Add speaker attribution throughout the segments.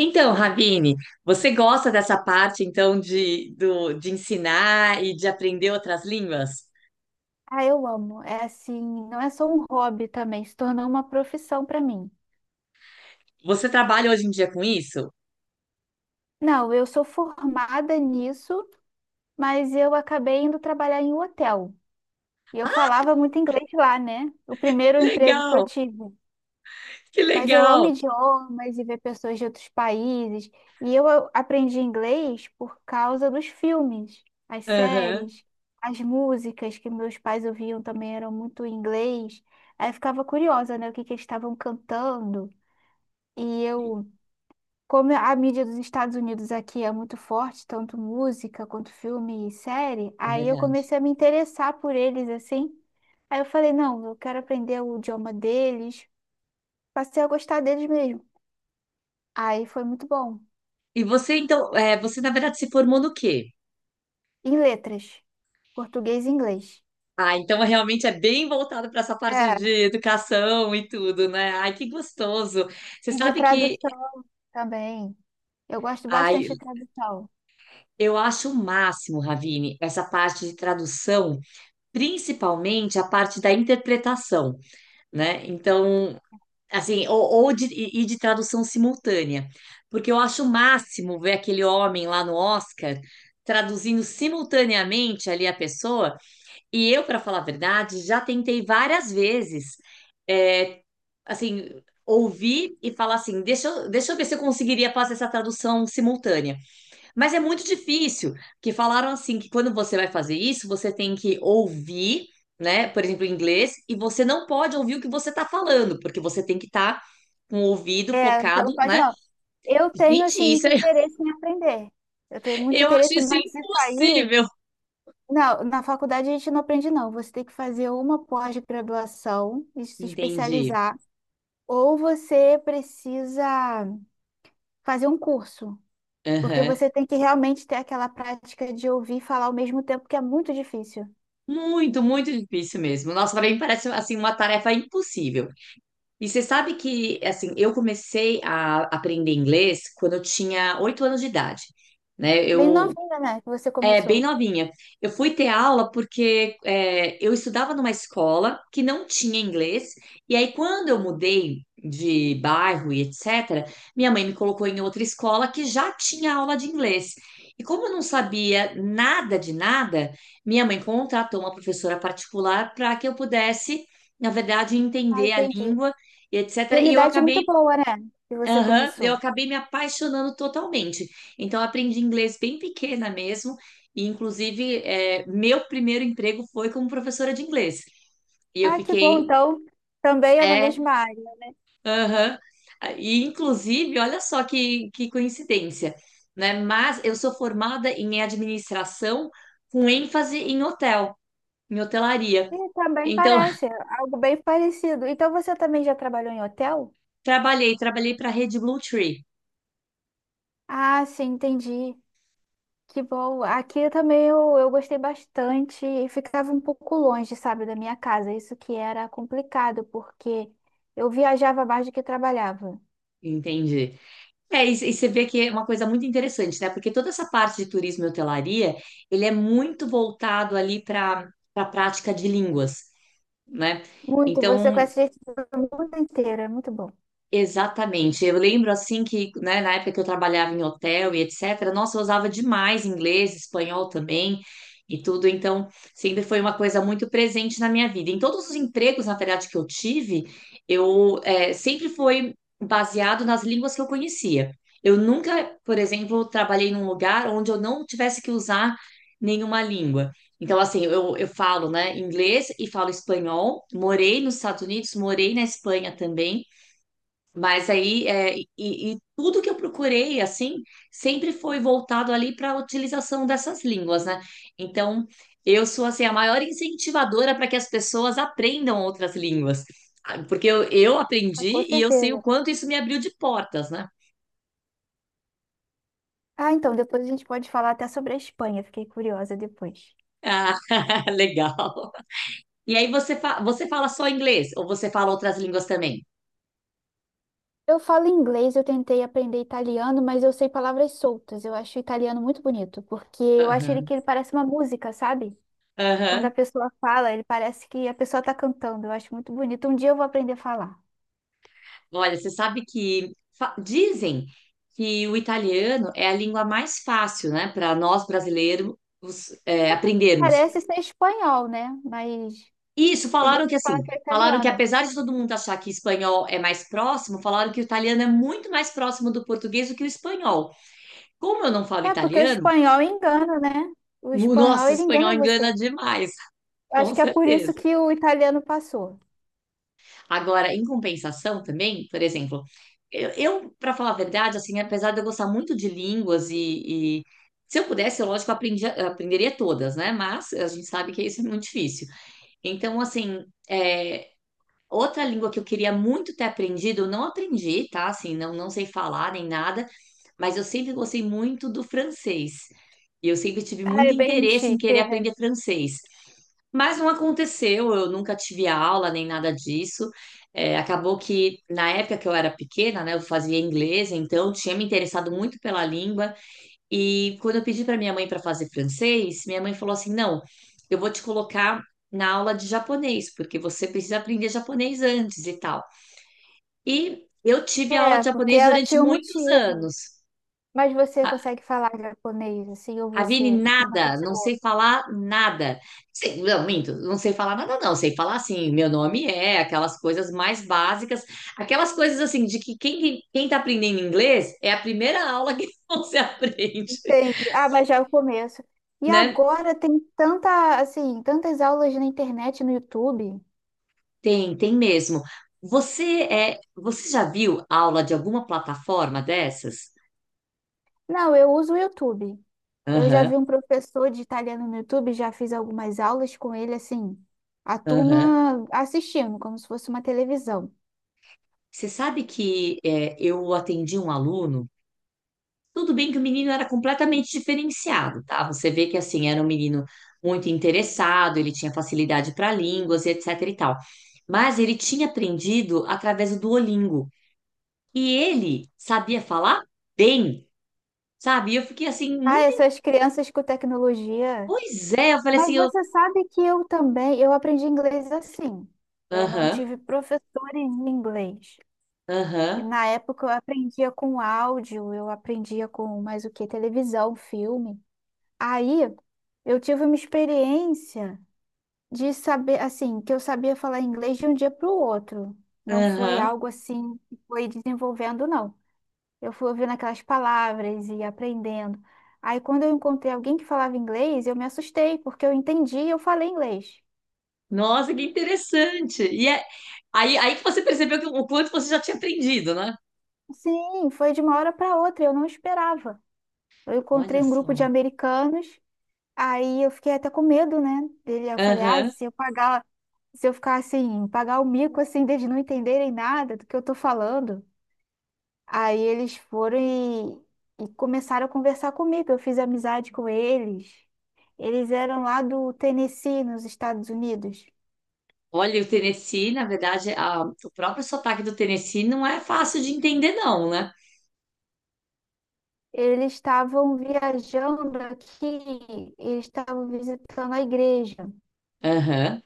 Speaker 1: Então, Ravine, você gosta dessa parte então de ensinar e de aprender outras línguas?
Speaker 2: Ah, eu amo. É assim, não é só um hobby também, se tornou uma profissão para mim.
Speaker 1: Você trabalha hoje em dia com isso?
Speaker 2: Não, eu sou formada nisso, mas eu acabei indo trabalhar em um hotel. E eu falava muito inglês lá, né? O
Speaker 1: Que
Speaker 2: primeiro emprego que eu
Speaker 1: legal,
Speaker 2: tive.
Speaker 1: que
Speaker 2: Mas eu amo
Speaker 1: legal.
Speaker 2: idiomas e ver pessoas de outros países. E eu aprendi inglês por causa dos filmes, as
Speaker 1: Aham.
Speaker 2: séries, as músicas que meus pais ouviam também eram muito em inglês. Aí eu ficava curiosa, né? O que que eles estavam cantando. E eu, como a mídia dos Estados Unidos aqui é muito forte, tanto música quanto filme e série,
Speaker 1: É
Speaker 2: aí eu
Speaker 1: verdade.
Speaker 2: comecei a me interessar por eles assim. Aí eu falei, não, eu quero aprender o idioma deles. Passei a gostar deles mesmo. Aí foi muito bom.
Speaker 1: E você então, é, você na verdade se formou no quê?
Speaker 2: Em letras, português e inglês.
Speaker 1: Ah, então realmente é bem voltado para essa parte
Speaker 2: É,
Speaker 1: de educação e tudo, né? Ai, que gostoso. Você
Speaker 2: e de
Speaker 1: sabe que,
Speaker 2: tradução também. Eu gosto
Speaker 1: ai,
Speaker 2: bastante de tradução.
Speaker 1: eu acho o máximo, Ravine, essa parte de tradução, principalmente a parte da interpretação. Né? Então, assim, ou de, e de tradução simultânea, porque eu acho o máximo ver aquele homem lá no Oscar traduzindo simultaneamente ali a pessoa, e eu, para falar a verdade, já tentei várias vezes, é, assim, ouvir e falar assim, deixa eu ver se eu conseguiria fazer essa tradução simultânea. Mas é muito difícil, que falaram assim que quando você vai fazer isso, você tem que ouvir, né? Por exemplo, em inglês, e você não pode ouvir o que você está falando, porque você tem que estar com o ouvido
Speaker 2: É, você
Speaker 1: focado,
Speaker 2: não pode
Speaker 1: né?
Speaker 2: não. Eu tenho,
Speaker 1: Gente,
Speaker 2: assim,
Speaker 1: isso é...
Speaker 2: interesse em aprender. Eu tenho muito
Speaker 1: eu acho
Speaker 2: interesse,
Speaker 1: isso
Speaker 2: mas isso aí.
Speaker 1: impossível.
Speaker 2: Não, na faculdade a gente não aprende, não. Você tem que fazer uma pós-graduação e se
Speaker 1: Entendi.
Speaker 2: especializar, ou você precisa fazer um curso, porque
Speaker 1: Aham.
Speaker 2: você tem que realmente ter aquela prática de ouvir e falar ao mesmo tempo, que é muito difícil.
Speaker 1: Muito, muito difícil mesmo. Nossa, pra mim parece assim uma tarefa impossível. E você sabe que assim, eu comecei a aprender inglês quando eu tinha oito anos de idade, né?
Speaker 2: Bem
Speaker 1: Eu...
Speaker 2: novinha, né, que você
Speaker 1: É, bem
Speaker 2: começou.
Speaker 1: novinha. Eu fui ter aula porque é, eu estudava numa escola que não tinha inglês, e aí quando eu mudei de bairro e etc., minha mãe me colocou em outra escola que já tinha aula de inglês. E como eu não sabia nada de nada, minha mãe contratou uma professora particular para que eu pudesse, na verdade,
Speaker 2: Ah,
Speaker 1: entender a
Speaker 2: entendi.
Speaker 1: língua e
Speaker 2: E
Speaker 1: etc.
Speaker 2: uma
Speaker 1: E eu
Speaker 2: idade
Speaker 1: acabei...
Speaker 2: muito boa, né, que você
Speaker 1: Aham, eu
Speaker 2: começou.
Speaker 1: acabei me apaixonando totalmente. Então, eu aprendi inglês bem pequena mesmo, e inclusive, é, meu primeiro emprego foi como professora de inglês. E eu
Speaker 2: Ah, que bom,
Speaker 1: fiquei,
Speaker 2: então também é na
Speaker 1: é,
Speaker 2: mesma área.
Speaker 1: aham. E inclusive, olha só que coincidência, né? Mas eu sou formada em administração com ênfase em hotel, em hotelaria.
Speaker 2: E também
Speaker 1: Então,
Speaker 2: parece, algo bem parecido. Então você também já trabalhou em hotel?
Speaker 1: trabalhei para a Rede Blue Tree,
Speaker 2: Ah, sim, entendi. Que bom. Aqui também eu gostei bastante e ficava um pouco longe, sabe, da minha casa. Isso que era complicado, porque eu viajava mais do que trabalhava.
Speaker 1: entende? É, e você vê que é uma coisa muito interessante, né? Porque toda essa parte de turismo e hotelaria, ele é muito voltado ali para a prática de línguas, né?
Speaker 2: Muito, você
Speaker 1: Então,
Speaker 2: conhece gente do mundo inteiro, é muito bom.
Speaker 1: exatamente. Eu lembro assim que, né, na época que eu trabalhava em hotel e etc, nossa, eu usava demais inglês, espanhol também e tudo, então sempre foi uma coisa muito presente na minha vida. Em todos os empregos, na verdade, que eu tive, eu sempre foi baseado nas línguas que eu conhecia. Eu nunca, por exemplo, trabalhei num lugar onde eu não tivesse que usar nenhuma língua. Então, assim, eu falo, né, inglês e falo espanhol. Morei nos Estados Unidos, morei na Espanha também. Mas aí, é, e tudo que eu procurei, assim, sempre foi voltado ali para a utilização dessas línguas, né? Então, eu sou, assim, a maior incentivadora para que as pessoas aprendam outras línguas. Ah, porque eu
Speaker 2: Ah, com
Speaker 1: aprendi e eu sei o
Speaker 2: certeza.
Speaker 1: quanto isso me abriu de portas, né?
Speaker 2: Ah, então, depois a gente pode falar até sobre a Espanha, fiquei curiosa depois.
Speaker 1: Ah, legal. E aí, você fala só inglês ou você fala outras línguas também?
Speaker 2: Eu falo inglês, eu tentei aprender italiano, mas eu sei palavras soltas. Eu acho o italiano muito bonito, porque eu acho ele
Speaker 1: Aham,
Speaker 2: que ele parece uma música, sabe? Quando a
Speaker 1: aham.
Speaker 2: pessoa fala, ele parece que a pessoa está cantando. Eu acho muito bonito. Um dia eu vou aprender a falar.
Speaker 1: Olha, você sabe que dizem que o italiano é a língua mais fácil, né, para nós brasileiros é, aprendermos.
Speaker 2: Parece ser espanhol, né? Mas
Speaker 1: Isso,
Speaker 2: tem gente
Speaker 1: falaram que
Speaker 2: que
Speaker 1: assim,
Speaker 2: fala que é
Speaker 1: falaram que
Speaker 2: italiano.
Speaker 1: apesar de todo mundo achar que espanhol é mais próximo, falaram que o italiano é muito mais próximo do português do que o espanhol. Como eu não falo
Speaker 2: É porque o
Speaker 1: italiano,
Speaker 2: espanhol engana, né? O espanhol,
Speaker 1: nossa, o
Speaker 2: ele
Speaker 1: espanhol
Speaker 2: engana você.
Speaker 1: engana demais,
Speaker 2: Eu
Speaker 1: com
Speaker 2: acho que é por isso
Speaker 1: certeza.
Speaker 2: que o italiano passou.
Speaker 1: Agora, em compensação também, por exemplo, eu para falar a verdade, assim, apesar de eu gostar muito de línguas e se eu pudesse, eu, lógico, aprenderia todas, né? Mas a gente sabe que isso é muito difícil. Então, assim, é, outra língua que eu queria muito ter aprendido, eu não aprendi, tá? Assim, não, não sei falar nem nada, mas eu sempre gostei muito do francês. E eu sempre tive
Speaker 2: Ah,
Speaker 1: muito
Speaker 2: é bem
Speaker 1: interesse em querer
Speaker 2: chique, né?
Speaker 1: aprender francês. Mas não aconteceu, eu nunca tive aula nem nada disso. É, acabou que na época que eu era pequena, né, eu fazia inglês, então tinha me interessado muito pela língua. E quando eu pedi para minha mãe para fazer francês, minha mãe falou assim: não, eu vou te colocar na aula de japonês, porque você precisa aprender japonês antes e tal. E eu tive aula de
Speaker 2: É, porque
Speaker 1: japonês
Speaker 2: ela
Speaker 1: durante
Speaker 2: tinha um
Speaker 1: muitos
Speaker 2: motivo.
Speaker 1: anos.
Speaker 2: Mas você
Speaker 1: A
Speaker 2: consegue falar japonês, assim, ou
Speaker 1: Ravine,
Speaker 2: você não
Speaker 1: nada, não
Speaker 2: continuou?
Speaker 1: sei falar nada. Não, minto, não sei falar nada, não. Sei falar assim, meu nome é, aquelas coisas mais básicas, aquelas coisas assim, de que quem tá aprendendo inglês é a primeira aula que você aprende,
Speaker 2: Entende? Ah, mas já é o começo. E
Speaker 1: né?
Speaker 2: agora tem tanta, assim, tantas aulas na internet, no YouTube.
Speaker 1: Tem, tem mesmo. Você você já viu aula de alguma plataforma dessas?
Speaker 2: Não, eu uso o YouTube. Eu já
Speaker 1: Aham,
Speaker 2: vi um professor de italiano no YouTube, já fiz algumas aulas com ele, assim, a
Speaker 1: aham.
Speaker 2: turma assistindo, como se fosse uma televisão.
Speaker 1: Você sabe que é, eu atendi um aluno. Tudo bem que o menino era completamente diferenciado, tá? Você vê que assim era um menino muito interessado, ele tinha facilidade para línguas e etc e tal. Mas ele tinha aprendido através do Duolingo e ele sabia falar bem, sabe? E eu fiquei assim
Speaker 2: Ah,
Speaker 1: muito...
Speaker 2: essas crianças com tecnologia.
Speaker 1: Pois é, eu falei
Speaker 2: Mas
Speaker 1: assim, eu,
Speaker 2: você sabe que eu também, eu aprendi inglês assim. Eu não
Speaker 1: aham,
Speaker 2: tive professores em inglês. E
Speaker 1: aham.
Speaker 2: na época eu aprendia com áudio, eu aprendia com mais o que? Televisão, filme. Aí eu tive uma experiência de saber, assim, que eu sabia falar inglês de um dia para o outro. Não foi
Speaker 1: Aham.
Speaker 2: algo assim que foi desenvolvendo, não. Eu fui ouvindo aquelas palavras e aprendendo. Aí, quando eu encontrei alguém que falava inglês, eu me assustei, porque eu entendi e eu falei inglês.
Speaker 1: Nossa, que interessante. Aí que você percebeu que, o quanto você já tinha aprendido, né?
Speaker 2: Sim, foi de uma hora para outra, eu não esperava. Eu encontrei
Speaker 1: Olha
Speaker 2: um grupo de
Speaker 1: só.
Speaker 2: americanos, aí eu fiquei até com medo, né? Dele, eu falei, ah,
Speaker 1: Aham.
Speaker 2: se eu pagar, se eu ficar assim, pagar o mico assim, deles não entenderem nada do que eu tô falando. Aí eles foram e começaram a conversar comigo. Eu fiz amizade com eles. Eles eram lá do Tennessee, nos Estados Unidos.
Speaker 1: Olha, o Tennessee, na verdade, o próprio sotaque do Tennessee não é fácil de entender, não, né?
Speaker 2: Eles estavam viajando aqui, eles estavam visitando a igreja.
Speaker 1: Aham.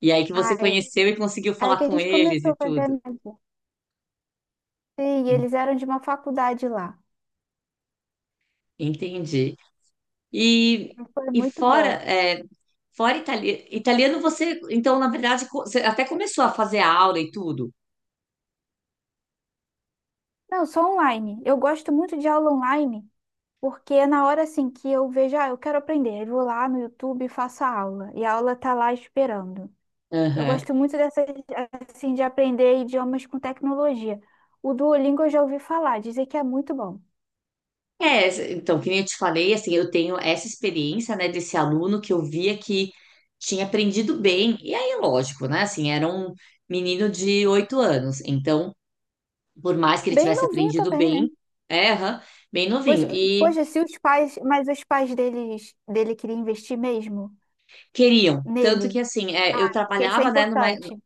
Speaker 1: E aí que você
Speaker 2: Aí,
Speaker 1: conheceu e conseguiu
Speaker 2: aí
Speaker 1: falar
Speaker 2: que a
Speaker 1: com
Speaker 2: gente
Speaker 1: eles
Speaker 2: começou
Speaker 1: e
Speaker 2: a fazer
Speaker 1: tudo.
Speaker 2: amizade. Sim,
Speaker 1: En-
Speaker 2: eles eram de uma faculdade lá.
Speaker 1: Entendi. E,
Speaker 2: Então, foi
Speaker 1: e
Speaker 2: muito
Speaker 1: fora,
Speaker 2: bom.
Speaker 1: é, fora italiano, você, então, na verdade, você até começou a fazer aula e tudo.
Speaker 2: Não, só online. Eu gosto muito de aula online, porque é na hora assim que eu vejo, ah, eu quero aprender, eu vou lá no YouTube e faço a aula. E a aula tá lá esperando. Eu gosto muito dessa, assim, de aprender idiomas com tecnologia. O Duolingo eu já ouvi falar, dizem que é muito bom.
Speaker 1: É, então, que nem eu te falei, assim, eu tenho essa experiência, né, desse aluno que eu via que tinha aprendido bem. E aí, lógico, né, assim, era um menino de oito anos. Então, por mais que ele
Speaker 2: Bem
Speaker 1: tivesse
Speaker 2: novinho
Speaker 1: aprendido
Speaker 2: também, né?
Speaker 1: bem, é, aham, bem
Speaker 2: Poxa,
Speaker 1: novinho. E
Speaker 2: poxa, se os pais, mas os pais dele queriam investir mesmo
Speaker 1: queriam. Tanto que,
Speaker 2: nele,
Speaker 1: assim, é, eu
Speaker 2: porque isso é
Speaker 1: trabalhava, né, numa, é,
Speaker 2: importante.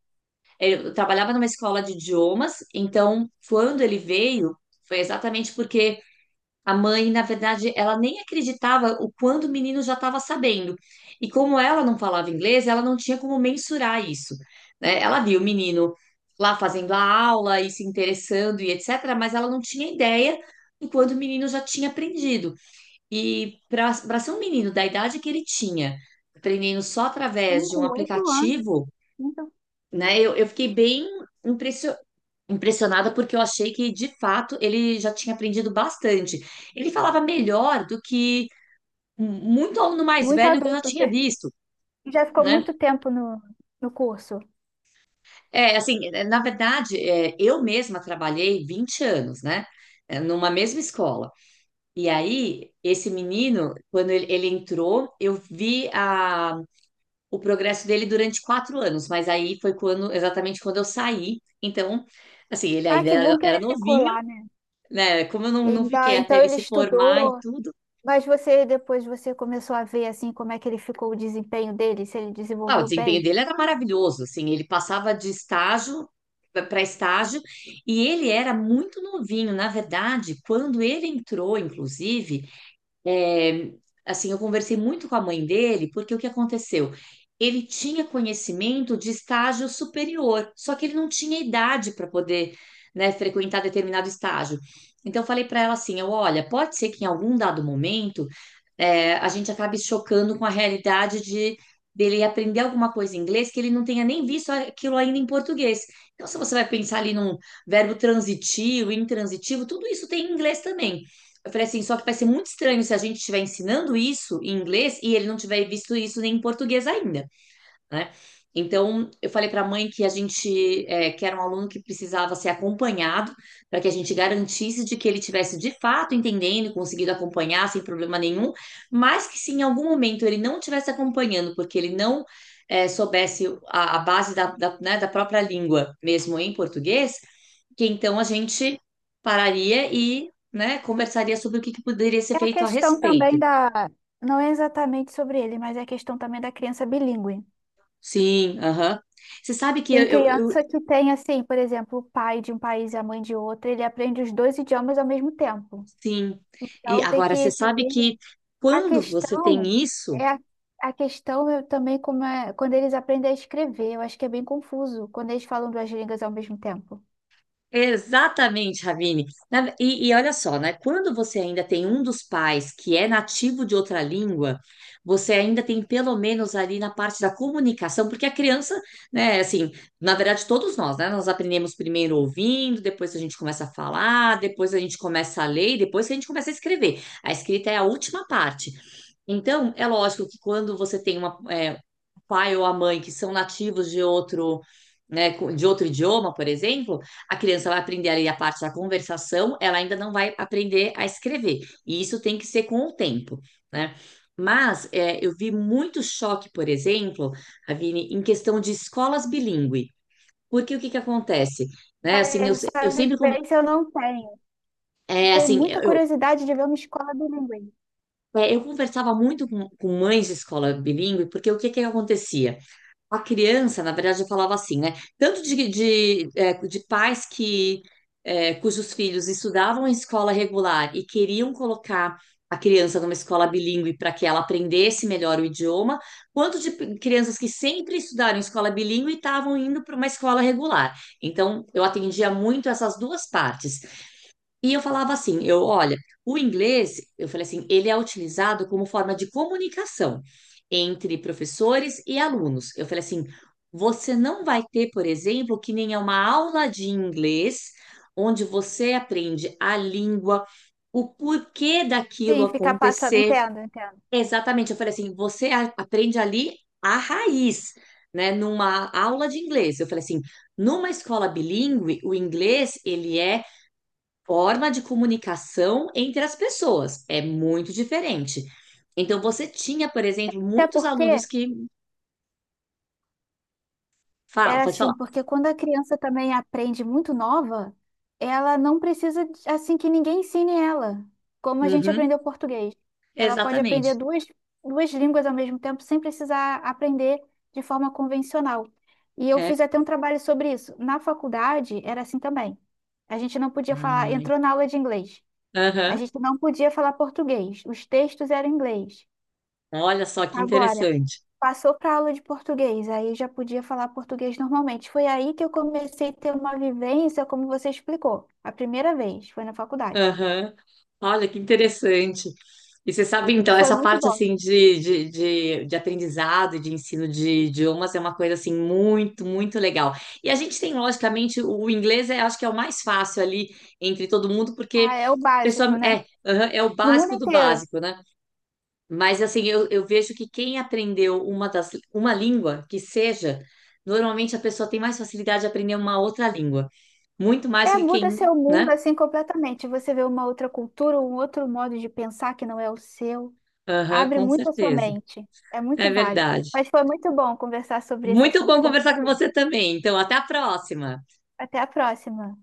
Speaker 1: eu trabalhava numa escola de idiomas. Então, quando ele veio, foi exatamente porque... A mãe, na verdade, ela nem acreditava o quanto o menino já estava sabendo. E como ela não falava inglês, ela não tinha como mensurar isso, né? Ela viu o menino lá fazendo a aula e se interessando e etc., mas ela não tinha ideia do quanto o menino já tinha aprendido. E para ser um menino da idade que ele tinha, aprendendo só através
Speaker 2: Um
Speaker 1: de um
Speaker 2: com 8 anos,
Speaker 1: aplicativo,
Speaker 2: muito,
Speaker 1: né? Eu fiquei bem impressionada impressionada porque eu achei que de fato ele já tinha aprendido bastante. Ele falava melhor do que muito aluno mais
Speaker 2: muito
Speaker 1: velho que eu
Speaker 2: adulto,
Speaker 1: já tinha
Speaker 2: porque
Speaker 1: visto,
Speaker 2: já ficou
Speaker 1: né?
Speaker 2: muito tempo no curso.
Speaker 1: É, assim, é, na verdade, é, eu mesma trabalhei 20 anos, né? É, numa mesma escola. E aí, esse menino, quando ele entrou, eu vi o progresso dele durante quatro anos, mas aí foi quando, exatamente quando eu saí. Então, assim, ele
Speaker 2: Ah,
Speaker 1: ainda
Speaker 2: que
Speaker 1: era,
Speaker 2: bom que
Speaker 1: era
Speaker 2: ele ficou
Speaker 1: novinho,
Speaker 2: lá, né?
Speaker 1: né, como eu não, não
Speaker 2: Então,
Speaker 1: fiquei até
Speaker 2: então
Speaker 1: ele
Speaker 2: ele
Speaker 1: se formar e
Speaker 2: estudou.
Speaker 1: tudo.
Speaker 2: Mas você depois você começou a ver assim como é que ele ficou o desempenho dele, se ele
Speaker 1: Ah, o
Speaker 2: desenvolveu
Speaker 1: desempenho
Speaker 2: bem.
Speaker 1: dele era maravilhoso, assim, ele passava de estágio para estágio e ele era muito novinho, na verdade, quando ele entrou, inclusive. É, assim, eu conversei muito com a mãe dele, porque o que aconteceu? Ele tinha conhecimento de estágio superior, só que ele não tinha idade para poder, né, frequentar determinado estágio. Então, eu falei para ela assim: eu, olha, pode ser que em algum dado momento é, a gente acabe chocando com a realidade de dele aprender alguma coisa em inglês que ele não tenha nem visto aquilo ainda em português. Então, se você vai pensar ali num verbo transitivo, intransitivo, tudo isso tem em inglês também. Eu falei assim, só que vai ser muito estranho se a gente estiver ensinando isso em inglês e ele não tiver visto isso nem em português ainda, né? Então, eu falei para a mãe que a gente é, que era um aluno que precisava ser acompanhado para que a gente garantisse de que ele tivesse de fato entendendo e conseguido acompanhar sem problema nenhum, mas que se em algum momento ele não estivesse acompanhando, porque ele não é, soubesse a base da, da, né, da própria língua, mesmo em português, que então a gente pararia e né, conversaria sobre o que que poderia ser
Speaker 2: É a
Speaker 1: feito a
Speaker 2: questão também
Speaker 1: respeito.
Speaker 2: da, não é exatamente sobre ele, mas é a questão também da criança bilíngue.
Speaker 1: Sim, aham. Você sabe que eu,
Speaker 2: Tem
Speaker 1: eu, eu
Speaker 2: criança que tem assim, por exemplo, o pai de um país e a mãe de outro, ele aprende os dois idiomas ao mesmo tempo.
Speaker 1: Sim. E
Speaker 2: Então tem
Speaker 1: agora, você
Speaker 2: que
Speaker 1: sabe que
Speaker 2: saber a
Speaker 1: quando você tem
Speaker 2: questão
Speaker 1: isso,
Speaker 2: é a, a questão é também como é quando eles aprendem a escrever, eu acho que é bem confuso quando eles falam duas línguas ao mesmo tempo.
Speaker 1: exatamente, Ravine. E olha só, né? Quando você ainda tem um dos pais que é nativo de outra língua, você ainda tem pelo menos ali na parte da comunicação, porque a criança, né, assim, na verdade, todos nós, né? Nós aprendemos primeiro ouvindo, depois a gente começa a falar, depois a gente começa a ler, e depois que a gente começa a escrever. A escrita é a última parte. Então, é lógico que quando você tem uma, é, pai ou a mãe que são nativos de outro, né, de outro idioma, por exemplo, a criança vai aprender ali a parte da conversação, ela ainda não vai aprender a escrever. E isso tem que ser com o tempo, né? Mas é, eu vi muito choque, por exemplo, Avine, em questão de escolas bilíngue. Porque o que que acontece? Né,
Speaker 2: Cara,
Speaker 1: assim, eu, eu
Speaker 2: essa
Speaker 1: sempre,
Speaker 2: vivência eu não tenho.
Speaker 1: é,
Speaker 2: Tenho
Speaker 1: assim,
Speaker 2: muita curiosidade de ver uma escola bilíngue.
Speaker 1: eu é, eu conversava muito com mães de escola bilíngue, porque o que que acontecia? A criança, na verdade, eu falava assim, né? Tanto de pais que é, cujos filhos estudavam em escola regular e queriam colocar a criança numa escola bilíngue para que ela aprendesse melhor o idioma, quanto de crianças que sempre estudaram em escola bilíngue e estavam indo para uma escola regular. Então, eu atendia muito essas duas partes. E eu falava assim, eu, olha, o inglês, eu falei assim, ele é utilizado como forma de comunicação entre professores e alunos. Eu falei assim, você não vai ter, por exemplo, que nem é uma aula de inglês onde você aprende a língua, o porquê daquilo
Speaker 2: Sim, ficar passando,
Speaker 1: acontecer.
Speaker 2: entendo, entendo.
Speaker 1: Exatamente, eu falei assim, você aprende ali a raiz, né, numa aula de inglês. Eu falei assim, numa escola bilíngue, o inglês, ele é forma de comunicação entre as pessoas. É muito diferente. Então, você tinha, por exemplo,
Speaker 2: Até
Speaker 1: muitos
Speaker 2: porque
Speaker 1: alunos que falam,
Speaker 2: era
Speaker 1: pode
Speaker 2: assim,
Speaker 1: falar.
Speaker 2: porque quando a criança também aprende muito nova, ela não precisa assim que ninguém ensine ela, como a gente
Speaker 1: Uhum,
Speaker 2: aprendeu português. Ela pode aprender
Speaker 1: exatamente.
Speaker 2: duas línguas ao mesmo tempo sem precisar aprender de forma convencional. E eu
Speaker 1: É.
Speaker 2: fiz até um trabalho sobre isso. Na faculdade era assim também. A gente não podia falar,
Speaker 1: Ai,
Speaker 2: entrou na aula de inglês. A
Speaker 1: aham.
Speaker 2: gente não podia falar português. Os textos eram em inglês.
Speaker 1: Olha só que
Speaker 2: Agora,
Speaker 1: interessante.
Speaker 2: passou para aula de português, aí já podia falar português normalmente. Foi aí que eu comecei a ter uma vivência, como você explicou, a primeira vez, foi na faculdade.
Speaker 1: Aham. Olha, que interessante. E você sabe,
Speaker 2: E
Speaker 1: então,
Speaker 2: foi
Speaker 1: essa
Speaker 2: muito
Speaker 1: parte
Speaker 2: bom.
Speaker 1: assim de aprendizado e de ensino de idiomas é uma coisa assim muito, muito legal. E a gente tem, logicamente, o inglês é, acho que é o mais fácil ali entre todo mundo, porque
Speaker 2: Ah, é o
Speaker 1: a pessoa
Speaker 2: básico, né?
Speaker 1: é, aham, é o
Speaker 2: No mundo
Speaker 1: básico do
Speaker 2: inteiro.
Speaker 1: básico, né? Mas assim, eu vejo que quem aprendeu uma língua que seja, normalmente a pessoa tem mais facilidade de aprender uma outra língua, muito mais
Speaker 2: É,
Speaker 1: do que quem,
Speaker 2: muda seu mundo
Speaker 1: né?
Speaker 2: assim completamente. Você vê uma outra cultura, um outro modo de pensar que não é o seu.
Speaker 1: Aham,
Speaker 2: Abre
Speaker 1: com
Speaker 2: muito a sua
Speaker 1: certeza.
Speaker 2: mente. É
Speaker 1: É
Speaker 2: muito válido.
Speaker 1: verdade.
Speaker 2: Mas foi muito bom conversar sobre esse
Speaker 1: Muito
Speaker 2: assunto
Speaker 1: bom
Speaker 2: com
Speaker 1: conversar com
Speaker 2: você.
Speaker 1: você também. Então, até a próxima.
Speaker 2: Até a próxima.